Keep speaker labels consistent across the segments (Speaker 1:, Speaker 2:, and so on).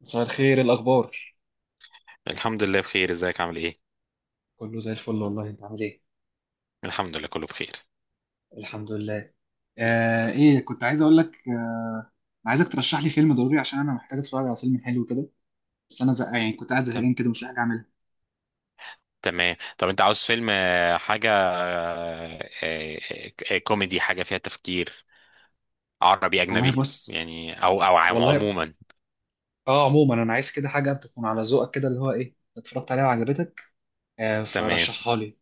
Speaker 1: مساء الخير، إيه الاخبار؟
Speaker 2: الحمد لله بخير، ازيك؟ عامل ايه؟
Speaker 1: كله زي الفل، والله انت عامل ايه؟
Speaker 2: الحمد لله، كله بخير.
Speaker 1: الحمد لله. ايه كنت عايز اقول لك. عايزك ترشح لي فيلم ضروري، عشان انا محتاج اتفرج على فيلم حلو كده. بس انا زهقان، يعني كنت قاعد
Speaker 2: تم-
Speaker 1: زهقان كده مش لاقي حاجه اعملها.
Speaker 2: تمام. طب انت عاوز فيلم، آه، حاجة آه، آه، آه، كوميدي، حاجة فيها تفكير؟ عربي،
Speaker 1: والله
Speaker 2: أجنبي
Speaker 1: بص.
Speaker 2: يعني، أو
Speaker 1: والله،
Speaker 2: عموما؟
Speaker 1: اه، عموما انا عايز كده حاجه تكون على ذوقك كده، اللي هو ايه اتفرجت عليها وعجبتك.
Speaker 2: تمام،
Speaker 1: فرشحها لي.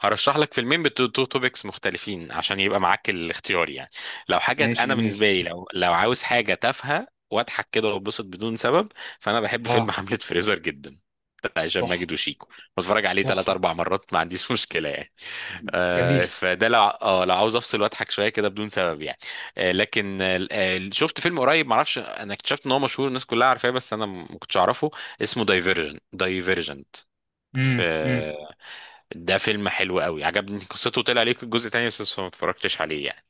Speaker 2: هرشح لك فيلمين توبكس مختلفين عشان يبقى معاك الاختيار يعني. لو حاجة
Speaker 1: ماشي،
Speaker 2: انا بالنسبة
Speaker 1: جميل.
Speaker 2: لي، لو عاوز حاجة تافهة واضحك كده واتبسط بدون سبب، فانا بحب فيلم
Speaker 1: اه،
Speaker 2: حملة فريزر جدا، بتاع هشام
Speaker 1: تحفه.
Speaker 2: ماجد وشيكو. بتفرج عليه ثلاث
Speaker 1: تحفه.
Speaker 2: اربع مرات ما عنديش مشكله يعني.
Speaker 1: جميل.
Speaker 2: فده لو عاوز افصل واضحك شويه كده بدون سبب يعني. آه لكن آه آه، شفت فيلم قريب، ما اعرفش، انا اكتشفت ان هو مشهور الناس كلها عارفاه، بس انا ما كنتش اعرفه. اسمه دايفيرجنت. في
Speaker 1: امم. امم.
Speaker 2: ده فيلم حلو قوي، عجبني قصته. طلع ليك الجزء تاني بس ما اتفرجتش عليه يعني.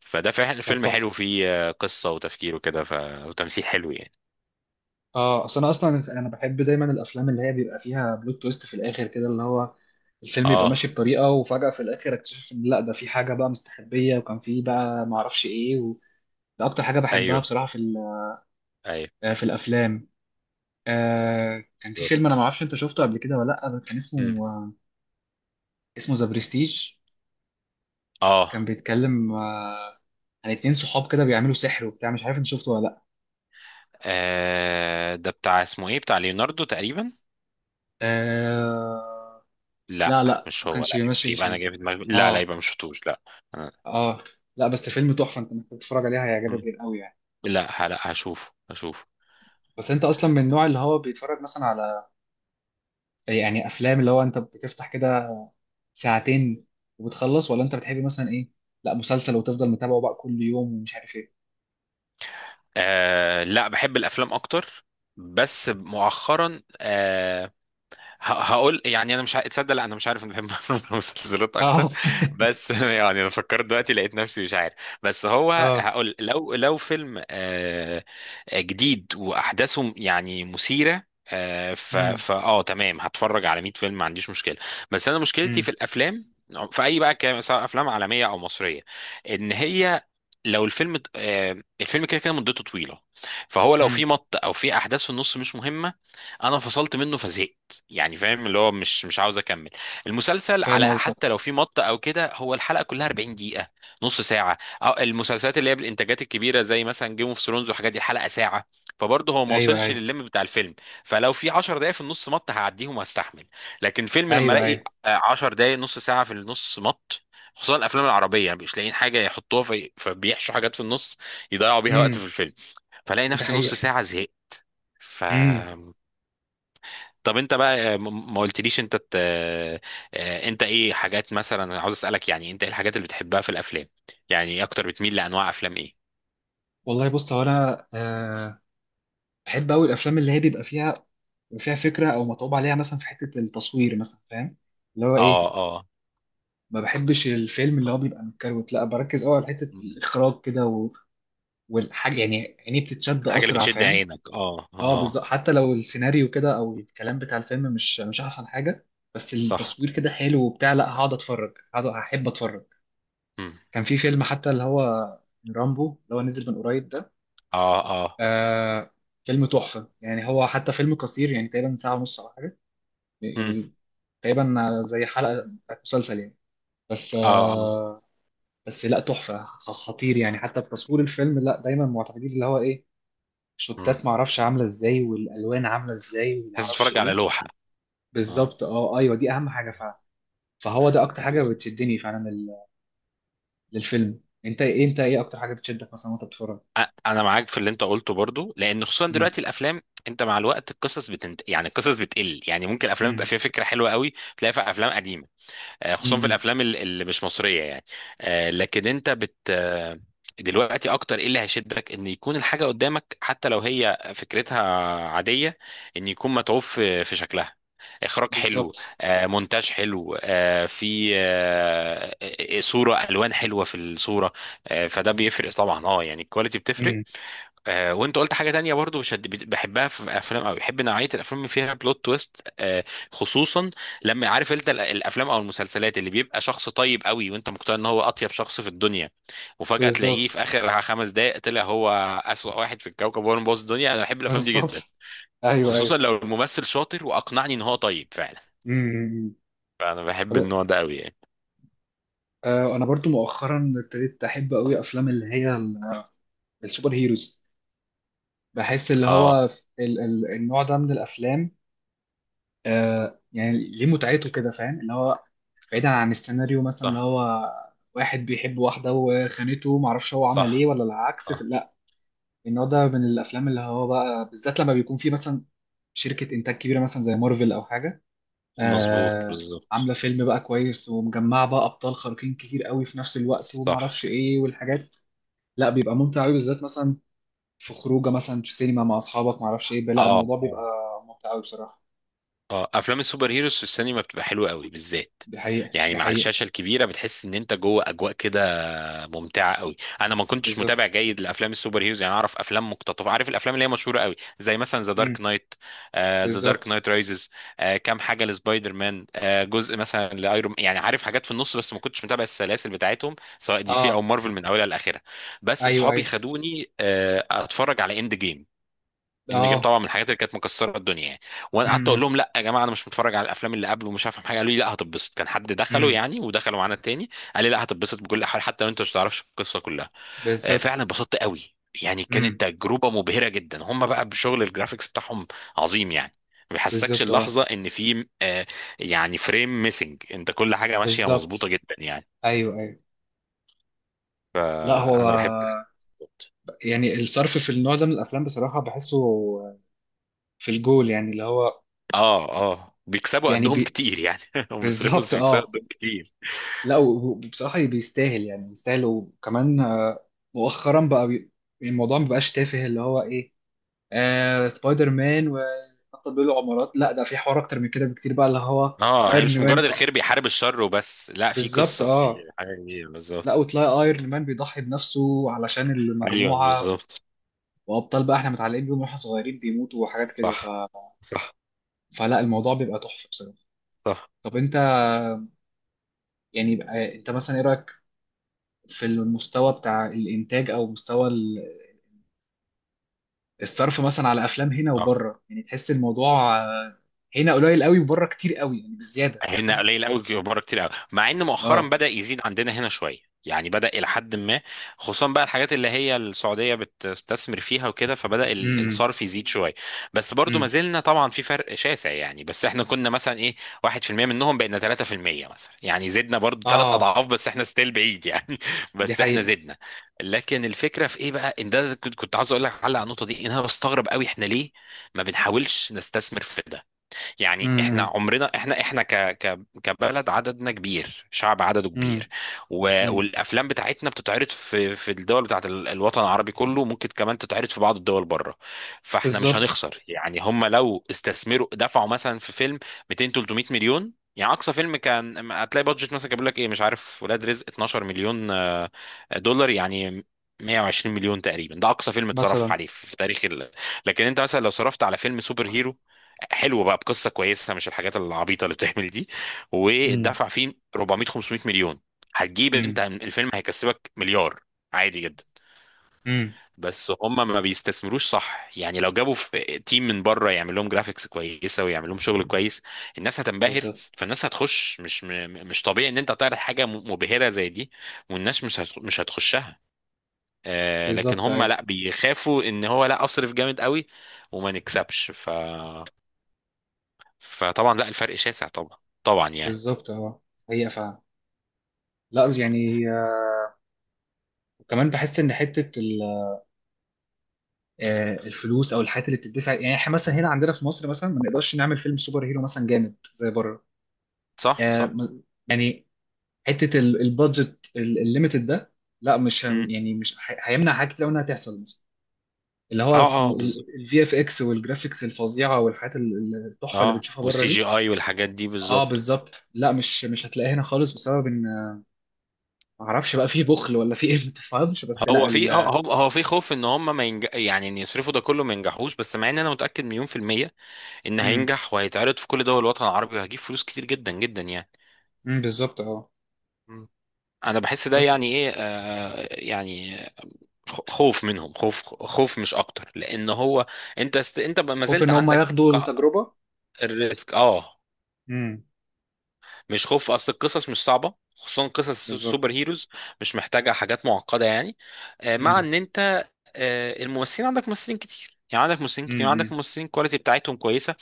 Speaker 2: فده فعلا
Speaker 1: طب،
Speaker 2: فيلم حلو،
Speaker 1: تحفه.
Speaker 2: فيه قصة وتفكير وكده، وتمثيل حلو يعني.
Speaker 1: اه، اصل انا اصلا، انا بحب دايما الافلام اللي هي بيبقى فيها بلوت تويست في الاخر كده، اللي هو الفيلم يبقى ماشي
Speaker 2: اه،
Speaker 1: بطريقه وفجاه في الاخر اكتشف ان لا، ده في حاجه بقى مستخبيه وكان في بقى ما اعرفش ايه و... ده اكتر حاجه بحبها
Speaker 2: ايوه،
Speaker 1: بصراحه في
Speaker 2: ايوه،
Speaker 1: في الافلام. كان في فيلم انا ما
Speaker 2: بالظبط.
Speaker 1: اعرفش انت شفته قبل كده ولا لا، كان
Speaker 2: مم.
Speaker 1: اسمه ذا بريستيج.
Speaker 2: اه،
Speaker 1: كان بيتكلم عن اتنين صحاب كده بيعملوا سحر وبتاع، مش عارف انت شفته ولا لا.
Speaker 2: ده بتاع، اسمه ايه، بتاع ليوناردو تقريبا.
Speaker 1: آه،
Speaker 2: لا،
Speaker 1: لا لا،
Speaker 2: مش
Speaker 1: ما
Speaker 2: هو،
Speaker 1: كانش
Speaker 2: لا، يبقى,
Speaker 1: ماشي
Speaker 2: يبقى انا
Speaker 1: فيه.
Speaker 2: جاي في دماغي، لا لا،
Speaker 1: اه
Speaker 2: يبقى مش شفتوش، لا. آه.
Speaker 1: اه. لا بس فيلم تحفه، انت ممكن تتفرج عليه هيعجبك
Speaker 2: مم.
Speaker 1: جدا قوي يعني.
Speaker 2: لا لا، هشوفه هشوفه.
Speaker 1: بس انت اصلا من النوع اللي هو بيتفرج مثلا على، يعني، افلام اللي هو انت بتفتح كده ساعتين وبتخلص، ولا انت بتحب مثلا ايه، لا، مسلسل وتفضل متابعه بقى كل يوم ومش عارف ايه.
Speaker 2: لا، بحب الافلام اكتر. بس مؤخرا هقول يعني، انا مش ع- تصدق لا انا مش عارف، انا بحب المسلسلات
Speaker 1: اه.
Speaker 2: اكتر. بس يعني انا فكرت دلوقتي لقيت نفسي مش عارف. بس هو
Speaker 1: اه.
Speaker 2: هقول لو فيلم جديد واحداثه يعني مثيره، آه، ف
Speaker 1: امم.
Speaker 2: ف اه تمام، هتفرج على 100 فيلم ما عنديش مشكله. بس انا مشكلتي في
Speaker 1: امم.
Speaker 2: الافلام، في اي بقى كلام، سواء افلام عالميه او مصريه، ان هي لو الفيلم الفيلم كده كده مدته طويله، فهو لو في
Speaker 1: امم.
Speaker 2: مط او في احداث في النص مش مهمه، انا فصلت منه فزهقت يعني، فاهم، اللي هو مش عاوز اكمل. المسلسل
Speaker 1: فاهم
Speaker 2: على حتى
Speaker 1: قصدك.
Speaker 2: لو في مط او كده، هو الحلقه كلها 40 دقيقه، نص ساعه. أو المسلسلات اللي هي بالانتاجات الكبيره زي مثلا جيم اوف ثرونز والحاجات دي، الحلقه ساعه، فبرضه هو ما
Speaker 1: ايوه،
Speaker 2: وصلش
Speaker 1: ايوه،
Speaker 2: للليم بتاع الفيلم. فلو في 10 دقائق في النص مط، هعديهم وهستحمل. لكن فيلم لما
Speaker 1: ايوه،
Speaker 2: الاقي
Speaker 1: ايوه.
Speaker 2: 10 دقائق، نص ساعه في النص مط، خصوصا الافلام العربيه يعني، مش لاقيين حاجه يحطوها في، فبيحشوا حاجات في النص يضيعوا بيها وقت في
Speaker 1: امم.
Speaker 2: الفيلم، فلاقي
Speaker 1: ده
Speaker 2: نفسي نص
Speaker 1: حقيقة.
Speaker 2: ساعه زهقت. ف...
Speaker 1: امم.
Speaker 2: طب انت بقى ما قلتليش، انت ت... آه، آه، انت ايه حاجات، مثلا انا عاوز اسالك يعني، انت ايه الحاجات اللي بتحبها في الافلام؟ يعني ايه اكتر، بتميل لانواع افلام ايه؟
Speaker 1: والله بص، هو انا بحب قوي الافلام اللي هي بيبقى فيها فكره او متعوب عليها، مثلا في حته التصوير مثلا، فاهم اللي هو
Speaker 2: اه
Speaker 1: ايه.
Speaker 2: اه.
Speaker 1: ما بحبش الفيلم اللي هو بيبقى متكروت، لا بركز قوي على حته
Speaker 2: مم.
Speaker 1: الاخراج كده و... والحاجه، يعني عيني بتتشد
Speaker 2: حاجه اللي
Speaker 1: اسرع،
Speaker 2: بتشد
Speaker 1: فاهم.
Speaker 2: عينك، اه
Speaker 1: اه، بالظبط.
Speaker 2: اه.
Speaker 1: حتى لو السيناريو كده او الكلام بتاع الفيلم مش احسن حاجه، بس
Speaker 2: صح.
Speaker 1: التصوير كده حلو وبتاع، لا هقعد هحب اتفرج.
Speaker 2: مم.
Speaker 1: كان في فيلم حتى اللي هو رامبو، اللي هو نزل من قريب ده.
Speaker 2: اه اه.
Speaker 1: آه فيلم تحفه يعني، هو حتى فيلم قصير يعني، تقريبا ساعه ونص او حاجه
Speaker 2: مم.
Speaker 1: يعني. تقريبا زي حلقه بتاعت مسلسل يعني. بس
Speaker 2: اه اه.
Speaker 1: آه بس لا، تحفه، خطير يعني، حتى بتصوير الفيلم لا، دايما معتمدين اللي هو ايه،
Speaker 2: مم.
Speaker 1: شوتات معرفش عامله ازاي، والالوان عامله ازاي،
Speaker 2: تحس
Speaker 1: ومعرفش
Speaker 2: تتفرج على
Speaker 1: ايه.
Speaker 2: لوحه. اه،
Speaker 1: بالظبط، اه. ايوه، دي اهم حاجه فعلا. فهو ده اكتر حاجه
Speaker 2: بالظبط.
Speaker 1: بتشدني فعلا للفيلم. انت ايه اكتر حاجه بتشدك مثلا وانت بتتفرج؟
Speaker 2: انا معاك في اللي انت قلته برضو، لان خصوصا
Speaker 1: امم.
Speaker 2: دلوقتي الافلام، انت مع الوقت القصص يعني القصص بتقل يعني، ممكن الافلام
Speaker 1: امم.
Speaker 2: بيبقى فيها فكره حلوه قوي تلاقيها في افلام قديمه، خصوصا في
Speaker 1: امم.
Speaker 2: اللي مش مصريه يعني. آه، لكن انت بت آه، دلوقتي اكتر ايه اللي هيشدك؟ ان يكون الحاجه قدامك حتى لو هي فكرتها عاديه، ان يكون متعوب في شكلها، اخراج حلو،
Speaker 1: بالظبط.
Speaker 2: مونتاج حلو، آه، في آه، آه، صوره، الوان حلوه في الصوره، فده بيفرق طبعا، اه يعني الكواليتي بتفرق.
Speaker 1: امم.
Speaker 2: وانت قلت حاجه تانية برضو بشد بحبها في افلام، او بحب نوعيه الافلام اللي فيها بلوت تويست. خصوصا لما عارف انت الافلام او المسلسلات اللي بيبقى شخص طيب قوي، وانت مقتنع ان هو اطيب شخص في الدنيا، وفجاه تلاقيه في
Speaker 1: بالظبط.
Speaker 2: اخر 5 دقائق طلع هو اسوأ واحد في الكوكب وهو اللي مبوظ الدنيا. انا بحب الافلام دي
Speaker 1: بالظبط.
Speaker 2: جدا،
Speaker 1: ايوه،
Speaker 2: خصوصا
Speaker 1: ايوه.
Speaker 2: لو الممثل شاطر واقنعني ان هو طيب فعلا،
Speaker 1: امم.
Speaker 2: فانا بحب
Speaker 1: طب،
Speaker 2: النوع ده قوي يعني.
Speaker 1: انا برضو مؤخرا ابتديت احب قوي افلام اللي هي السوبر هيروز. بحس اللي
Speaker 2: اه.
Speaker 1: هو النوع ده من الافلام، يعني ليه متعته كده، فاهم اللي هو، بعيدا عن السيناريو مثلا اللي
Speaker 2: صح،
Speaker 1: هو واحد بيحب واحده وخانته، معرفش هو عمل
Speaker 2: صح،
Speaker 1: ايه ولا العكس،
Speaker 2: صح.
Speaker 1: لا النوع ده من الافلام اللي هو بقى، بالذات لما بيكون في مثلا شركه انتاج كبيره مثلا زي مارفل او حاجه
Speaker 2: مظبوط،
Speaker 1: آه عامله
Speaker 2: بالظبط.
Speaker 1: فيلم بقى كويس، ومجمعه بقى ابطال خارقين كتير قوي في نفس الوقت،
Speaker 2: صح.
Speaker 1: ومعرفش ايه والحاجات، لا بيبقى ممتع قوي، بالذات مثلا في خروجه مثلا في سينما مع اصحابك، ما اعرفش ايه، لا،
Speaker 2: اه،
Speaker 1: الموضوع بيبقى
Speaker 2: اه،
Speaker 1: ممتع قوي بصراحه.
Speaker 2: اه، افلام السوبر هيروز في السينما بتبقى حلوه قوي بالذات
Speaker 1: دي حقيقه.
Speaker 2: يعني،
Speaker 1: دي
Speaker 2: مع
Speaker 1: حقيقه.
Speaker 2: الشاشه الكبيره بتحس ان انت جوه اجواء كده ممتعه قوي. انا ما كنتش
Speaker 1: بالظبط.
Speaker 2: متابع جيد لافلام السوبر هيروز يعني، اعرف افلام مقتطفه، عارف الافلام اللي هي مشهوره قوي، زي مثلا ذا
Speaker 1: امم.
Speaker 2: دارك نايت، ذا
Speaker 1: بالظبط،
Speaker 2: دارك نايت رايزز، كام حاجه لسبايدر مان، آه جزء مثلا لايرون، يعني عارف حاجات في النص، بس ما كنتش متابع السلاسل بتاعتهم سواء دي سي او
Speaker 1: اه.
Speaker 2: مارفل من اولها لاخرها. بس
Speaker 1: ايوه،
Speaker 2: اصحابي
Speaker 1: ايوه.
Speaker 2: خدوني اتفرج على اند جيم. اند جيم
Speaker 1: اه.
Speaker 2: طبعا من الحاجات اللي كانت مكسره الدنيا يعني، وانا قعدت اقول
Speaker 1: امم.
Speaker 2: لهم لا يا جماعه انا مش متفرج على الافلام اللي قبل ومش هفهم حاجه، قالوا لي لا هتتبسط، كان حد دخلوا
Speaker 1: امم.
Speaker 2: يعني ودخلوا معانا تاني، قال لي لا هتتبسط بكل حال حتى لو انت مش تعرفش القصه كلها. فعلا
Speaker 1: بالظبط.
Speaker 2: اتبسطت قوي، يعني كانت
Speaker 1: امم.
Speaker 2: تجربه مبهره جدا. هم بقى بشغل الجرافيكس بتاعهم عظيم يعني، ما بيحسكش
Speaker 1: بالظبط، اه.
Speaker 2: اللحظه ان في يعني فريم ميسنج، انت كل حاجه ماشيه
Speaker 1: بالظبط.
Speaker 2: مظبوطه جدا يعني.
Speaker 1: ايوه، ايوه. لا
Speaker 2: آه،
Speaker 1: هو،
Speaker 2: انا بحب
Speaker 1: يعني الصرف في النوع ده من الافلام بصراحه بحسه في الجول يعني، اللي هو
Speaker 2: اه اه، بيكسبوا
Speaker 1: يعني
Speaker 2: قدهم كتير يعني، هم بيصرفوا
Speaker 1: بالظبط،
Speaker 2: بس بيكسبوا
Speaker 1: اه.
Speaker 2: قدهم كتير.
Speaker 1: لا وبصراحه بيستاهل، يعني بيستاهل. وكمان مؤخرا بقى، الموضوع ما بقاش تافه، اللي هو ايه، سبايدر مان وبطل بيقولوا عمارات، لا ده في حوار اكتر من كده بكتير بقى، اللي هو
Speaker 2: اه، هي
Speaker 1: ايرون
Speaker 2: مش مجرد
Speaker 1: مان.
Speaker 2: الخير بيحارب الشر وبس، لا في
Speaker 1: بالظبط،
Speaker 2: قصة،
Speaker 1: اه.
Speaker 2: في حاجة كبيرة بالظبط.
Speaker 1: لا، وتلاقي ايرون مان بيضحي بنفسه علشان
Speaker 2: ايوه
Speaker 1: المجموعه،
Speaker 2: بالظبط.
Speaker 1: وابطال بقى احنا متعلقين بيهم واحنا صغيرين بيموتوا، وحاجات كده ف...
Speaker 2: صح، صح،
Speaker 1: فلا الموضوع بيبقى تحفه بصراحه.
Speaker 2: صح.
Speaker 1: طب انت، يعني بقى، انت مثلا ايه رايك في المستوى بتاع الانتاج، او مستوى الصرف مثلا على افلام هنا
Speaker 2: اه،
Speaker 1: وبره؟ يعني تحس الموضوع هنا قليل قوي وبره كتير قوي يعني، بالزياده.
Speaker 2: هنا قليل قوي، بره كتير قوي، مع ان مؤخرا
Speaker 1: اه.
Speaker 2: بدأ يزيد عندنا هنا شويه يعني، بدأ إلى حد ما، خصوصا بقى الحاجات اللي هي السعودية بتستثمر فيها وكده، فبدأ الصرف يزيد شوية. بس برضو ما
Speaker 1: امم.
Speaker 2: زلنا طبعا في فرق شاسع يعني، بس احنا كنا مثلا ايه 1% منهم بقينا 3% مثلا، يعني زدنا برضو ثلاث
Speaker 1: اه.
Speaker 2: أضعاف بس احنا ستيل بعيد يعني
Speaker 1: دي
Speaker 2: بس احنا
Speaker 1: حقيقة.
Speaker 2: زدنا. لكن الفكرة في ايه بقى، ان ده كنت عاوز اقول لك على النقطة دي، ان انا بستغرب قوي، احنا ليه ما بنحاولش نستثمر في ده؟ يعني احنا
Speaker 1: امم.
Speaker 2: عمرنا، احنا احنا ك ك كبلد عددنا كبير، شعب عدده كبير،
Speaker 1: امم. امم.
Speaker 2: والافلام بتاعتنا بتتعرض في الدول بتاعت الوطن العربي كله، ممكن كمان تتعرض في بعض الدول بره، فاحنا مش
Speaker 1: بالظبط،
Speaker 2: هنخسر يعني. هم لو استثمروا دفعوا مثلا في فيلم 200 300 مليون، يعني اقصى فيلم كان هتلاقي بادجت مثلا كان بيقول لك ايه، مش عارف ولاد رزق 12 مليون دولار يعني 120 مليون تقريبا، ده اقصى فيلم اتصرف
Speaker 1: مثلا.
Speaker 2: عليه في تاريخ ال... لكن انت مثلا لو صرفت على فيلم سوبر هيرو حلو بقى بقصه كويسه مش الحاجات العبيطه اللي بتعمل دي،
Speaker 1: امم.
Speaker 2: واتدفع فيه 400 500 مليون، هتجيب، انت
Speaker 1: امم.
Speaker 2: الفيلم هيكسبك مليار عادي جدا.
Speaker 1: امم.
Speaker 2: بس هم ما بيستثمروش، صح يعني؟ لو جابوا في تيم من بره يعمل لهم جرافيكس كويسه ويعمل لهم شغل كويس، الناس هتنبهر،
Speaker 1: بالظبط.
Speaker 2: فالناس هتخش. مش طبيعي ان انت تعرض حاجه مبهره زي دي والناس مش هتخشها، لكن
Speaker 1: بالظبط.
Speaker 2: هم
Speaker 1: ايوه.
Speaker 2: لا بيخافوا ان هو لا اصرف جامد قوي وما نكسبش. ف... فطبعا لا الفرق شاسع طبعا، طبعا يعني.
Speaker 1: بالظبط، اه. حقيقة فعلا. لا يعني، وكمان بحس ان حتة الفلوس او الحاجات اللي بتدفع، يعني احنا مثلا
Speaker 2: مم.
Speaker 1: هنا عندنا في مصر مثلا ما نقدرش نعمل فيلم سوبر هيرو مثلا جامد زي بره.
Speaker 2: صح
Speaker 1: آه،
Speaker 2: صح.
Speaker 1: م- يعني، حتة البادجت الليميتد ده، لا مش
Speaker 2: مم.
Speaker 1: هم- يعني مش هي- هيمنع حاجات كتير أوي انها تحصل، اللي
Speaker 2: اه
Speaker 1: هو
Speaker 2: اه بالظبط،
Speaker 1: الفي اف اكس والجرافيكس الفظيعه والحاجات التحفه اللي
Speaker 2: اه،
Speaker 1: بنشوفها بره
Speaker 2: والسي جي
Speaker 1: دي.
Speaker 2: اي والحاجات دي
Speaker 1: اه،
Speaker 2: بالظبط.
Speaker 1: بالظبط. لا مش هتلاقيها هنا خالص، بسبب ان ما اعرفش بقى في بخل ولا في ايه. ما تفهمش بس، لا
Speaker 2: هو في
Speaker 1: ال...
Speaker 2: اه، هو في خوف ان هم ما ينج... يعني ان يصرفوا ده كله ما ينجحوش، بس مع ان انا متاكد مليون في الميه ان
Speaker 1: امم.
Speaker 2: هينجح، وهيتعرض في كل دول الوطن العربي وهجيب فلوس كتير جدا جدا يعني.
Speaker 1: امم. بالظبط، اه.
Speaker 2: مم. انا بحس ده
Speaker 1: بس
Speaker 2: يعني ايه، آه يعني خوف منهم، خوف مش اكتر، لان هو انت انت ما
Speaker 1: خوف
Speaker 2: زلت
Speaker 1: ان هم
Speaker 2: عندك
Speaker 1: ياخدوا التجربه.
Speaker 2: الريسك، اه.
Speaker 1: امم.
Speaker 2: مش خوف، اصل القصص مش صعبه، خصوصا قصص
Speaker 1: بالظبط.
Speaker 2: السوبر هيروز، مش محتاجه حاجات معقده يعني. آه، مع
Speaker 1: امم.
Speaker 2: ان انت آه، الممثلين، عندك ممثلين كتير يعني، عندك ممثلين كتير، وعندك
Speaker 1: امم.
Speaker 2: ممثلين الكواليتي بتاعتهم كويسه،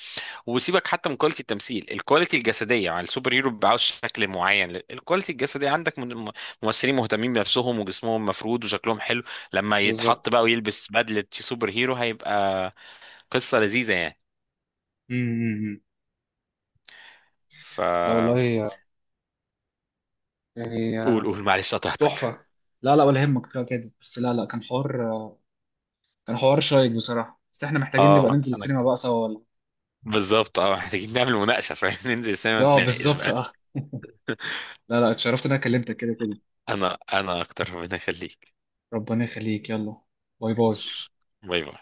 Speaker 2: وسيبك حتى من كواليتي التمثيل، الكواليتي الجسديه، يعني السوبر هيرو بيبقى عاوز شكل معين، الكواليتي الجسديه عندك ممثلين مهتمين بنفسهم وجسمهم مفرود وشكلهم حلو، لما يتحط
Speaker 1: بالظبط.
Speaker 2: بقى ويلبس بدله سوبر هيرو هيبقى قصه لذيذه يعني.
Speaker 1: امم.
Speaker 2: ف...
Speaker 1: لا والله، يعني
Speaker 2: قول قول، معلش قطعتك.
Speaker 1: تحفه. لا لا، ولا يهمك، كده كده بس. لا لا، كان حوار، كان حوار شيق بصراحه. بس احنا محتاجين نبقى
Speaker 2: اه
Speaker 1: ننزل
Speaker 2: انا
Speaker 1: السينما بقى سوا، ولا؟
Speaker 2: بالظبط، اه محتاجين نعمل مناقشة، فاهم، ننزل سينما
Speaker 1: اه،
Speaker 2: نتناقش
Speaker 1: بالظبط،
Speaker 2: بقى.
Speaker 1: اه. لا لا، اتشرفت ان انا كلمتك كده كده.
Speaker 2: انا اكتر، ربنا يخليك.
Speaker 1: ربنا يخليك. يلا. باي باي.
Speaker 2: باي باي.